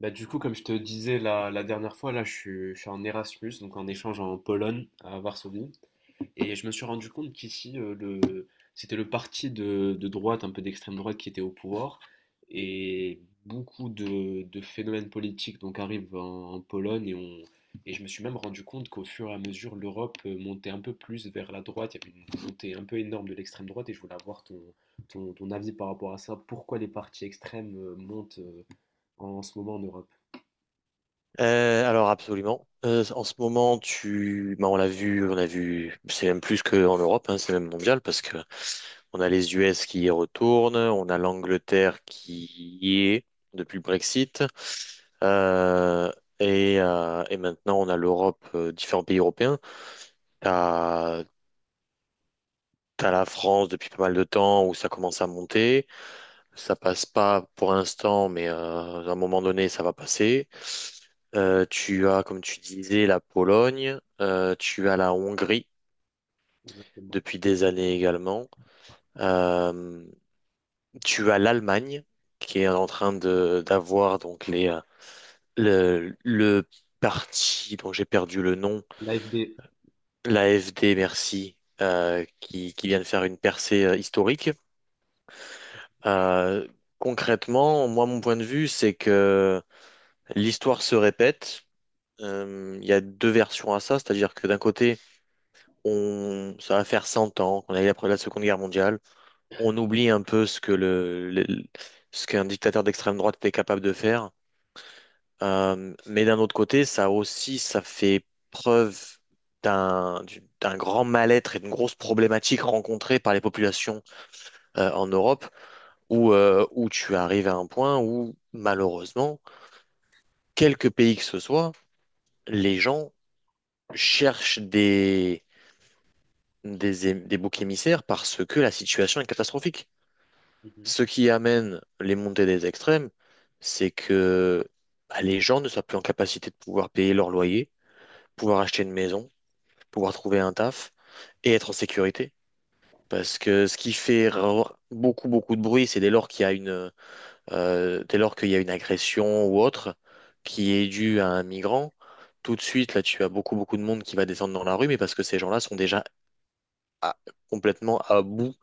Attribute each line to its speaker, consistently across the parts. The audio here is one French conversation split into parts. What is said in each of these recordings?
Speaker 1: Comme je te disais la dernière fois, là, je suis en Erasmus, donc en échange en Pologne, à Varsovie. Et je me suis rendu compte qu'ici, c'était le parti de droite, un peu d'extrême droite, qui était au pouvoir. Et beaucoup de phénomènes politiques donc, arrivent en Pologne. Et je me suis même rendu compte qu'au fur et à mesure, l'Europe montait un peu plus vers la droite. Il y avait une montée un peu énorme de l'extrême droite. Et je voulais avoir ton avis par rapport à ça. Pourquoi les partis extrêmes montent en ce moment en Europe?
Speaker 2: Alors absolument. En ce moment, bah, on a vu, c'est même plus qu'en Europe, hein, c'est même mondial parce que on a les US qui y retournent, on a l'Angleterre qui y est depuis le Brexit, euh, et maintenant on a l'Europe, différents pays européens. T'as, t'as la France depuis pas mal de temps où ça commence à monter. Ça passe pas pour l'instant, mais à un moment donné, ça va passer. Tu as, comme tu disais, la Pologne. Tu as la Hongrie
Speaker 1: Exactement.
Speaker 2: depuis des années également. Euh, Tu as l'Allemagne qui est en train de d'avoir donc les le parti dont j'ai perdu le nom,
Speaker 1: L'AFD.
Speaker 2: l'AfD, merci, qui vient de faire une percée historique. Euh, Concrètement, moi, mon point de vue, c'est que l'histoire se répète. Il y a deux versions à ça, c'est-à-dire que d'un côté, ça va faire 100 ans qu'on a eu après la Seconde Guerre mondiale. On oublie un peu ce que le- ce qu'un dictateur d'extrême droite était capable de faire. Mais d'un autre côté, ça aussi, ça fait preuve d'un grand mal-être et d'une grosse problématique rencontrée par les populations en Europe, où tu arrives à un point où, malheureusement, quelques pays que ce soit, les gens cherchent des boucs émissaires parce que la situation est catastrophique.
Speaker 1: Mhm,
Speaker 2: Ce qui amène les montées des extrêmes, c'est que bah, les gens ne sont plus en capacité de pouvoir payer leur loyer, pouvoir acheter une maison, pouvoir trouver un taf et être en sécurité. Parce que ce qui fait beaucoup, beaucoup de bruit, c'est dès lors qu'il y a une agression ou autre qui est due à un migrant, tout de suite, là, tu as beaucoup, beaucoup de monde qui va descendre dans la rue, mais parce que ces gens-là sont déjà à- complètement à bout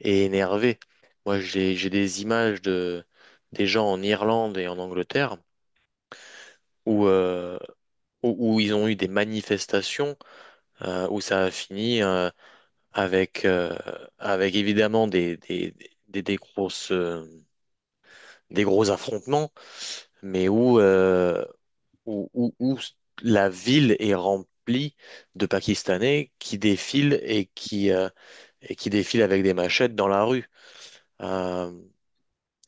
Speaker 2: et énervé. Moi, j'ai des images de des gens en Irlande et en Angleterre où euh, où ils ont eu des manifestations où ça a fini avec euh, avec évidemment des, des grosses euh, des gros affrontements, mais où la ville est remplie de Pakistanais qui défilent et qui défilent avec des machettes dans la rue. Euh,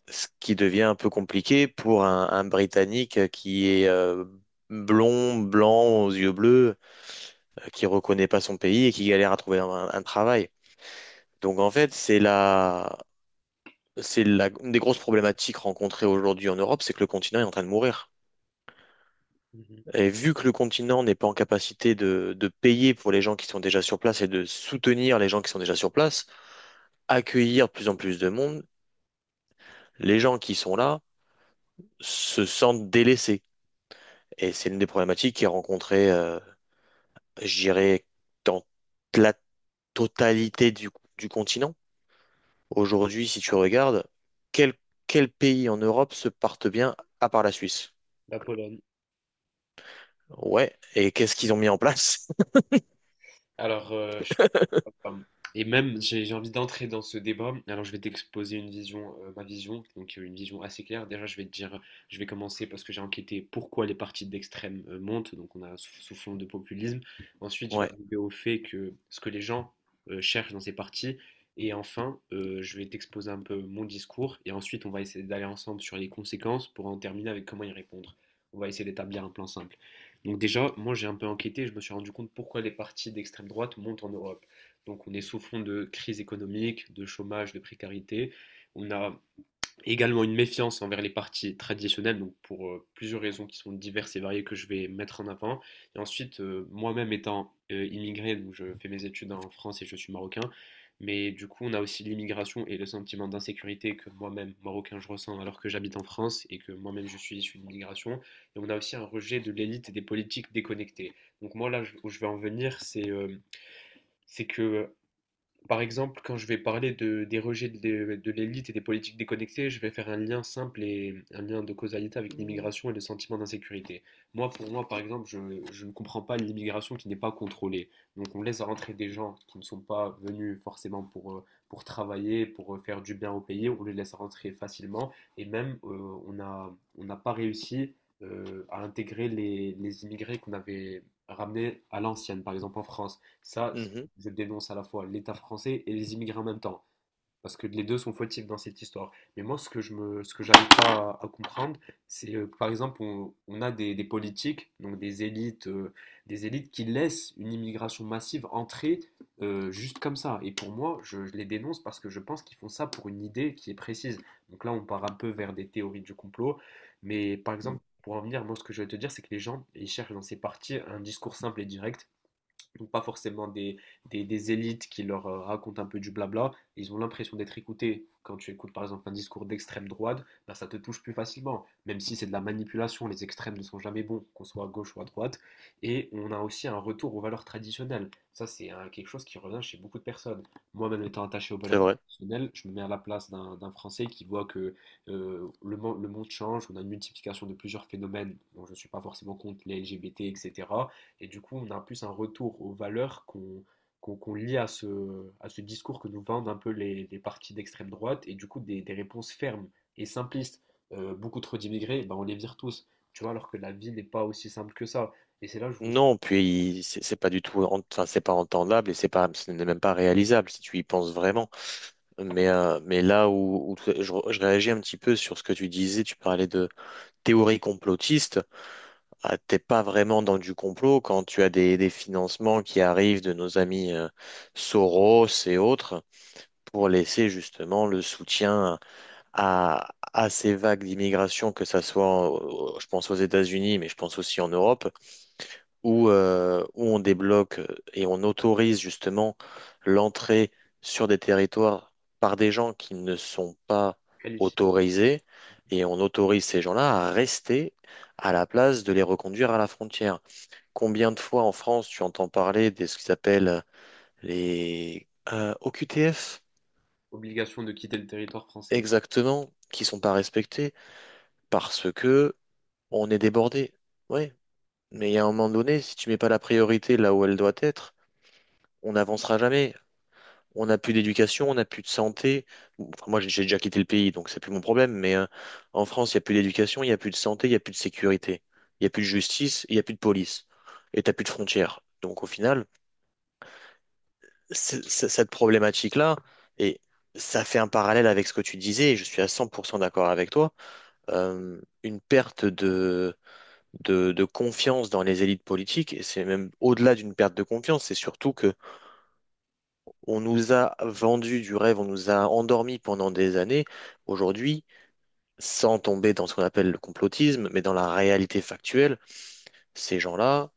Speaker 2: Ce qui devient un peu compliqué pour un Britannique qui est blond, blanc, aux yeux bleus, qui reconnaît pas son pays et qui galère à trouver un travail. Donc en fait, une des grosses problématiques rencontrées aujourd'hui en Europe, c'est que le continent est en train de mourir.
Speaker 1: mhm.
Speaker 2: Et vu que le continent n'est pas en capacité de payer pour les gens qui sont déjà sur place et de soutenir les gens qui sont déjà sur place, accueillir de plus en plus de monde, les gens qui sont là se sentent délaissés. Et c'est l'une des problématiques qui est rencontrée, je dirais, dans la totalité du continent. Aujourd'hui, si tu regardes, quel, quel pays en Europe se porte bien à part la Suisse?
Speaker 1: La Pologne.
Speaker 2: Ouais, et qu'est-ce qu'ils ont mis en place?
Speaker 1: Alors, je suis... pardon. Et même, j'ai envie d'entrer dans ce débat. Alors, je vais t'exposer une vision, ma vision, donc une vision assez claire. Déjà, je vais te dire, je vais commencer parce que j'ai enquêté pourquoi les partis d'extrême montent. Donc, on a sous fond de populisme. Ensuite, je vais
Speaker 2: Ouais,
Speaker 1: arriver au fait que ce que les gens cherchent dans ces partis. Et enfin, je vais t'exposer un peu mon discours. Et ensuite, on va essayer d'aller ensemble sur les conséquences pour en terminer avec comment y répondre. On va essayer d'établir un plan simple. Donc déjà, moi j'ai un peu enquêté, je me suis rendu compte pourquoi les partis d'extrême droite montent en Europe. Donc on est sous fond de crise économique, de chômage, de précarité. On a également une méfiance envers les partis traditionnels, donc pour plusieurs raisons qui sont diverses et variées que je vais mettre en avant. Et ensuite, moi-même étant immigré, donc je fais mes études en France et je suis marocain, mais du coup, on a aussi l'immigration et le sentiment d'insécurité que moi-même, marocain, je ressens alors que j'habite en France et que moi-même je suis issu d'immigration. Et on a aussi un rejet de l'élite et des politiques déconnectées. Donc moi, là où je vais en venir, c'est que par exemple, quand je vais parler des rejets de l'élite et des politiques déconnectées, je vais faire un lien simple et un lien de causalité avec l'immigration et le sentiment d'insécurité. Moi, pour moi, par exemple, je ne comprends pas l'immigration qui n'est pas contrôlée. Donc, on laisse rentrer des gens qui ne sont pas venus forcément pour travailler, pour faire du bien au pays. On les laisse rentrer facilement et même on n'a pas réussi à intégrer les immigrés qu'on avait ramenés à l'ancienne, par exemple en France. Ça,
Speaker 2: mhm,
Speaker 1: je dénonce à la fois l'État français et les immigrés en même temps, parce que les deux sont fautifs dans cette histoire. Mais moi, ce que j'arrive pas à comprendre, c'est par exemple, on a des politiques, donc des élites qui laissent une immigration massive entrer juste comme ça. Et pour moi, je les dénonce parce que je pense qu'ils font ça pour une idée qui est précise. Donc là, on part un peu vers des théories du complot, mais par exemple. Pour en venir, moi, ce que je vais te dire, c'est que les gens, ils cherchent dans ces partis un discours simple et direct donc pas forcément des élites qui leur racontent un peu du blabla, ils ont l'impression d'être écoutés. Quand tu écoutes par exemple un discours d'extrême droite, ben ça te touche plus facilement, même si c'est de la manipulation, les extrêmes ne sont jamais bons, qu'on soit à gauche ou à droite. Et on a aussi un retour aux valeurs traditionnelles. Ça, c'est hein, quelque chose qui revient chez beaucoup de personnes. Moi-même étant attaché aux
Speaker 2: c'est
Speaker 1: valeurs
Speaker 2: vrai.
Speaker 1: traditionnelles, je me mets à la place d'un Français qui voit que le monde change, on a une multiplication de plusieurs phénomènes dont je ne suis pas forcément contre, les LGBT, etc. Et du coup, on a plus un retour aux valeurs qu'on qu'on lie à ce discours que nous vendent un peu les partis d'extrême droite et du coup des réponses fermes et simplistes. Beaucoup trop d'immigrés, ben, on les vire tous. Tu vois, alors que la vie n'est pas aussi simple que ça. Et c'est là que je vous
Speaker 2: Non, puis c'est pas du tout, enfin c'est pas entendable et c'est pas, ce n'est même pas réalisable si tu y penses vraiment. Mais là où je réagis un petit peu sur ce que tu disais, tu parlais de théorie complotiste. Ah, t'es pas vraiment dans du complot quand tu as des financements qui arrivent de nos amis Soros et autres pour laisser justement le soutien à ces vagues d'immigration, que ça soit, je pense aux États-Unis, mais je pense aussi en Europe, où on débloque et on autorise justement l'entrée sur des territoires par des gens qui ne sont pas
Speaker 1: qualifie
Speaker 2: autorisés, et on autorise ces gens-là à rester à la place de les reconduire à la frontière. Combien de fois en France tu entends parler de ce qu'ils appellent les OQTF,
Speaker 1: obligation de quitter le territoire français.
Speaker 2: exactement, qui sont pas respectés parce que on est débordé. Ouais, mais il y a un moment donné, si tu mets pas la priorité là où elle doit être, on n'avancera jamais. On n'a plus d'éducation, on n'a plus de santé. Enfin, moi, j'ai déjà quitté le pays, donc c'est plus mon problème. Mais en France, il n'y a plus d'éducation, il n'y a plus de santé, il n'y a plus de sécurité, il n'y a plus de justice, il n'y a plus de police, et t'as plus de frontières. Donc au final. Cette problématique-là, et ça fait un parallèle avec ce que tu disais, et je suis à 100% d'accord avec toi, une perte de confiance dans les élites politiques, et c'est même au-delà d'une perte de confiance, c'est surtout que on nous a vendu du rêve, on nous a endormis pendant des années, aujourd'hui, sans tomber dans ce qu'on appelle le complotisme, mais dans la réalité factuelle, ces gens-là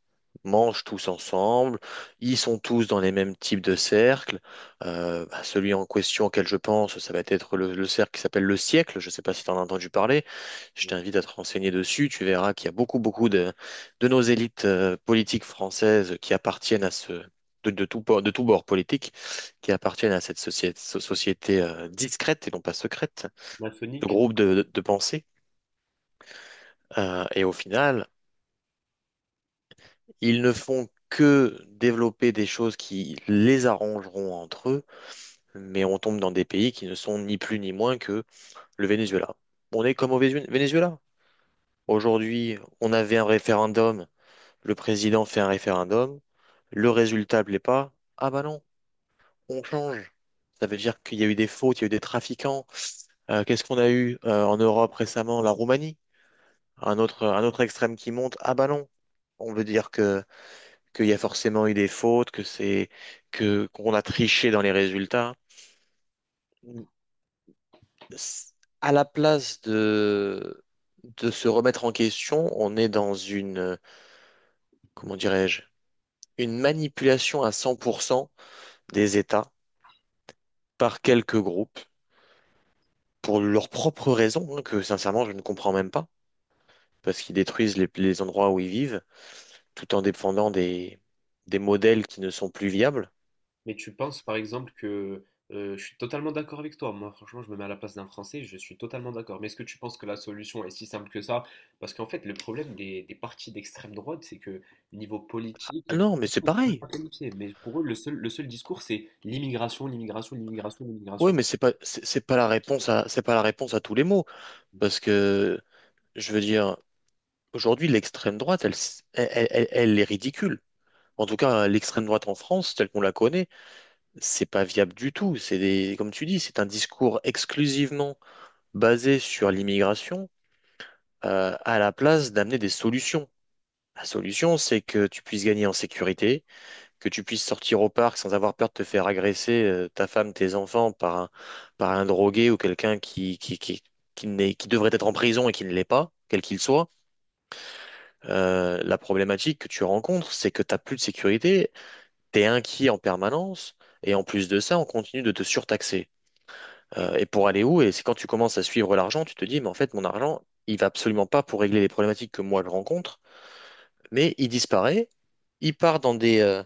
Speaker 2: mangent tous ensemble, ils sont tous dans les mêmes types de cercles. Bah, celui en question auquel je pense, ça va être le cercle qui s'appelle le siècle. Je ne sais pas si tu en as entendu parler. Je
Speaker 1: Bon,
Speaker 2: t'invite à te renseigner dessus. Tu verras qu'il y a beaucoup, beaucoup de nos élites politiques françaises qui appartiennent à ce. De tout bord politique, qui appartiennent à cette société, société, discrète et non pas secrète, de
Speaker 1: maçonnique.
Speaker 2: groupe de pensée. Et au final, ils ne font que développer des choses qui les arrangeront entre eux, mais on tombe dans des pays qui ne sont ni plus ni moins que le Venezuela. On est comme au Venezuela. Aujourd'hui, on avait un référendum, le président fait un référendum, le résultat plaît pas. Ah bah non, on change. Ça veut dire qu'il y a eu des fautes, il y a eu des trafiquants. Qu'est-ce qu'on a eu en Europe récemment? La Roumanie, un autre extrême qui monte. Ah bah non, on veut dire que qu'il y a forcément eu des fautes, que c'est que qu'on a triché dans les résultats. S- À la place de se remettre en question, on est dans une comment dirais-je, une manipulation à 100% des États par quelques groupes pour leurs propres raisons, hein, que sincèrement je ne comprends même pas, parce qu'ils détruisent les endroits où ils vivent tout en défendant des modèles qui ne sont plus viables.
Speaker 1: Mais tu penses par exemple que je suis totalement d'accord avec toi. Moi, franchement, je me mets à la place d'un Français, je suis totalement d'accord. Mais est-ce que tu penses que la solution est si simple que ça? Parce qu'en fait, le problème des partis d'extrême droite, c'est que niveau politique, ils
Speaker 2: Non, mais c'est
Speaker 1: sont
Speaker 2: pareil.
Speaker 1: pas qualifiés. Mais pour eux, le seul discours, c'est l'immigration, l'immigration, l'immigration,
Speaker 2: Oui,
Speaker 1: l'immigration.
Speaker 2: mais c'est pas la réponse à tous les maux. Parce que, je veux dire, aujourd'hui, l'extrême droite, elle, elle est ridicule. En tout cas, l'extrême droite en France, telle qu'on la connaît, c'est pas viable du tout. Comme tu dis, c'est un discours exclusivement basé sur l'immigration, à la place d'amener des solutions. La solution, c'est que tu puisses gagner en sécurité, que tu puisses sortir au parc sans avoir peur de te faire agresser, ta femme, tes enfants, par un drogué ou quelqu'un qui n'est- qui devrait être en prison et qui ne l'est pas, quel qu'il soit. La problématique que tu rencontres, c'est que tu n'as plus de sécurité, tu es inquiet en permanence, et en plus de ça, on continue de te surtaxer. Et pour aller où? Et c'est quand tu commences à suivre l'argent, tu te dis, mais en fait, mon argent, il va absolument pas pour régler les problématiques que moi je rencontre, mais il disparaît, il part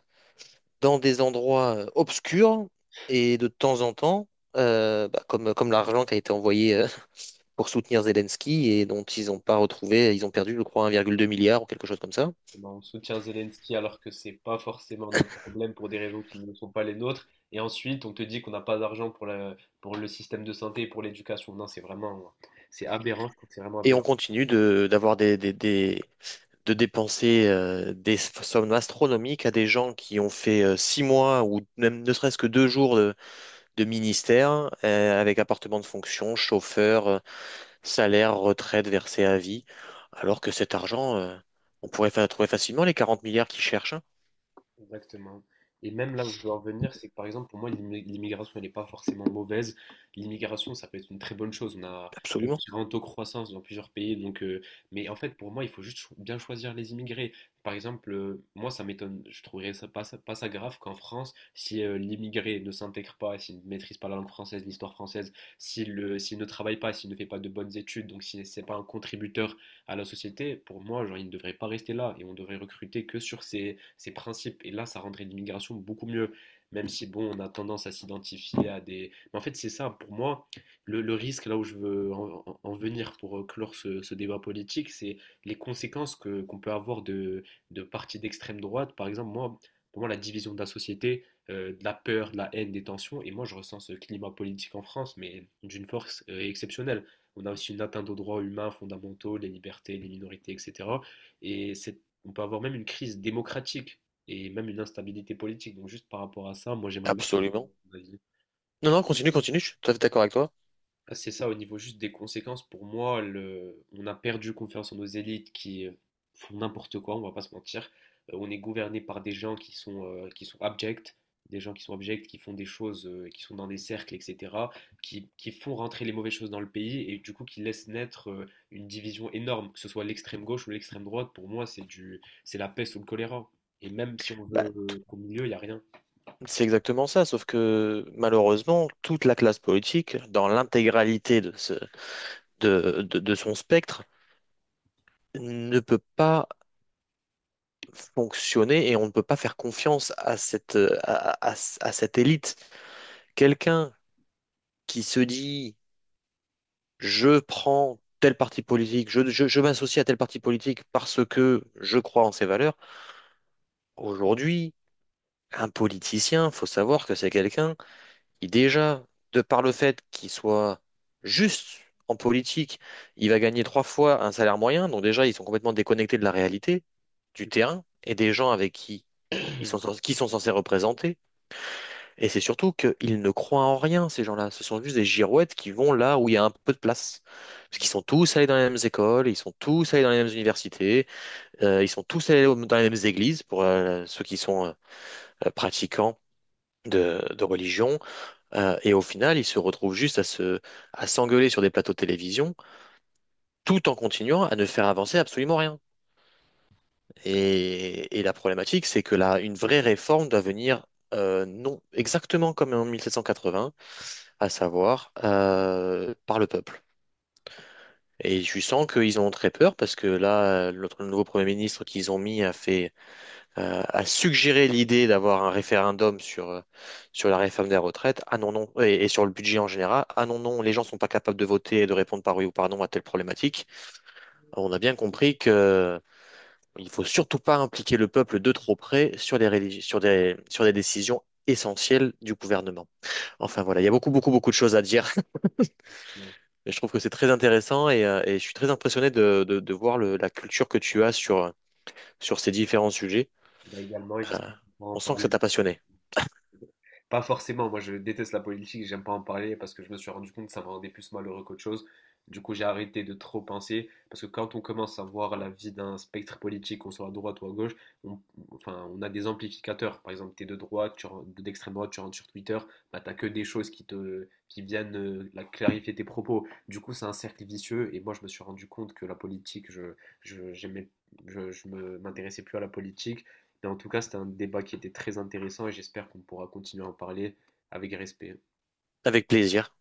Speaker 2: dans des endroits obscurs, et de temps en temps, bah, comme l'argent qui a été envoyé pour soutenir Zelensky et dont ils n'ont pas retrouvé, ils ont perdu, je crois, 1,2 milliard ou quelque chose comme ça.
Speaker 1: Exactement. On soutient Zelensky alors que c'est pas forcément notre problème pour des raisons qui ne sont pas les nôtres. Et ensuite, on te dit qu'on n'a pas d'argent pour pour le système de santé, pour l'éducation. Non, c'est vraiment, c'est aberrant. Je trouve que c'est vraiment
Speaker 2: Et on
Speaker 1: aberrant.
Speaker 2: continue de dépenser des sommes astronomiques à des gens qui ont fait 6 mois ou même ne serait-ce que 2 jours de ministère avec appartement de fonction, chauffeur, salaire, retraite versée à vie, alors que cet argent, on pourrait trouver facilement les 40 milliards qu'ils cherchent, hein.
Speaker 1: Exactement. Et même là où je veux en venir, c'est que par exemple, pour moi, l'immigration, elle n'est pas forcément mauvaise. L'immigration, ça peut être une très bonne chose. On
Speaker 2: Absolument,
Speaker 1: a un taux de croissance dans plusieurs pays. Donc, mais en fait, pour moi, il faut juste bien choisir les immigrés. Par exemple, moi, ça m'étonne, je trouverais ça pas, ça- pas ça grave qu'en France, si l'immigré ne s'intègre pas, s'il ne maîtrise pas la langue française, l'histoire française, s'il ne travaille pas, s'il ne fait pas de bonnes études, donc s'il n'est pas un contributeur à la société, pour moi, genre, il ne devrait pas rester là et on devrait recruter que sur ces principes. Et là, ça rendrait l'immigration beaucoup mieux, même si, bon, on a tendance à s'identifier à des... Mais en fait, c'est ça, pour moi, le risque, là où je veux en venir pour clore ce débat politique, c'est les conséquences qu'on peut avoir de partis d'extrême droite. Par exemple, moi, pour moi, la division de la société de la peur, de la haine, des tensions. Et moi, je ressens ce climat politique en France, mais d'une force exceptionnelle. On a aussi une atteinte aux droits humains fondamentaux, les libertés, les minorités, etc. On peut avoir même une crise démocratique et même une instabilité politique. Donc juste par rapport à ça, moi j'aimerais bien...
Speaker 2: absolument. Non, non, continue, continue, je suis tout à fait d'accord avec toi.
Speaker 1: C'est ça, au niveau juste des conséquences, pour moi, le... on a perdu confiance en nos élites qui font n'importe quoi, on va pas se mentir. On est gouverné par des gens qui sont abjects, des gens qui sont abjects, qui font des choses, qui sont dans des cercles, etc., qui font rentrer les mauvaises choses dans le pays et du coup qui laissent naître une division énorme, que ce soit l'extrême gauche ou l'extrême droite. Pour moi, c'est la peste ou le choléra. Et même si on
Speaker 2: Bah,
Speaker 1: veut qu'au milieu, il n'y a rien.
Speaker 2: c'est exactement ça, sauf que malheureusement, toute la classe politique, dans l'intégralité de ce, de son spectre ne peut pas fonctionner et on ne peut pas faire confiance à cette élite. Quelqu'un qui se dit, je prends tel parti politique, je m'associe à tel parti politique parce que je crois en ses valeurs. Aujourd'hui, un politicien, faut savoir que c'est quelqu'un. Et déjà, de par le fait qu'il soit juste en politique, il va gagner 3 fois un salaire moyen. Donc déjà, ils sont complètement déconnectés de la réalité, du terrain et des gens avec qui ils sont, qui sont censés représenter. Et c'est surtout qu'ils ne croient en rien, ces gens-là. Ce sont juste des girouettes qui vont là où il y a un peu de place. Parce qu'ils sont tous allés dans les mêmes écoles, ils sont tous allés dans les mêmes universités, ils sont tous allés dans les mêmes églises pour ceux qui sont pratiquants de religion. Et au final, ils se retrouvent juste à s'engueuler sur des plateaux de télévision, tout en continuant à ne faire avancer absolument rien. Et la problématique, c'est que là, une vraie réforme doit venir, non, exactement comme en 1780, à savoir par le peuple. Et je sens qu'ils en ont très peur parce que là, notre nouveau Premier ministre qu'ils ont mis a suggéré l'idée d'avoir un référendum sur la réforme des retraites. Ah non, non, et sur le budget en général. Ah non, non, les gens sont pas capables de voter et de répondre par oui ou par non à telle problématique. On a bien compris que il faut surtout pas impliquer le peuple de trop près sur des, rélig- sur des décisions essentielles du gouvernement. Enfin voilà, il y a beaucoup, beaucoup, beaucoup de choses à dire.
Speaker 1: Bon,
Speaker 2: Et je trouve que c'est très intéressant et je suis très impressionné de voir la culture que tu as sur ces différents sujets.
Speaker 1: bah également, et
Speaker 2: Euh,
Speaker 1: j'espère qu'on pourra en
Speaker 2: on sent que ça
Speaker 1: parler.
Speaker 2: t'a passionné.
Speaker 1: Pas forcément, moi je déteste la politique, j'aime pas en parler parce que je me suis rendu compte que ça me rendait plus malheureux qu'autre chose. Du coup, j'ai arrêté de trop penser parce que quand on commence à voir la vie d'un spectre politique, qu'on soit à droite ou à gauche, on, enfin, on a des amplificateurs. Par exemple, tu es de droite, d'extrême droite, tu rentres sur Twitter, bah, tu n'as que des choses qui viennent la clarifier tes propos. Du coup, c'est un cercle vicieux et moi, je me suis rendu compte que la politique, je, j'aimais- m'intéressais plus à la politique mais en tout cas, c'était un débat qui était très intéressant et j'espère qu'on pourra continuer à en parler avec respect.
Speaker 2: Avec plaisir.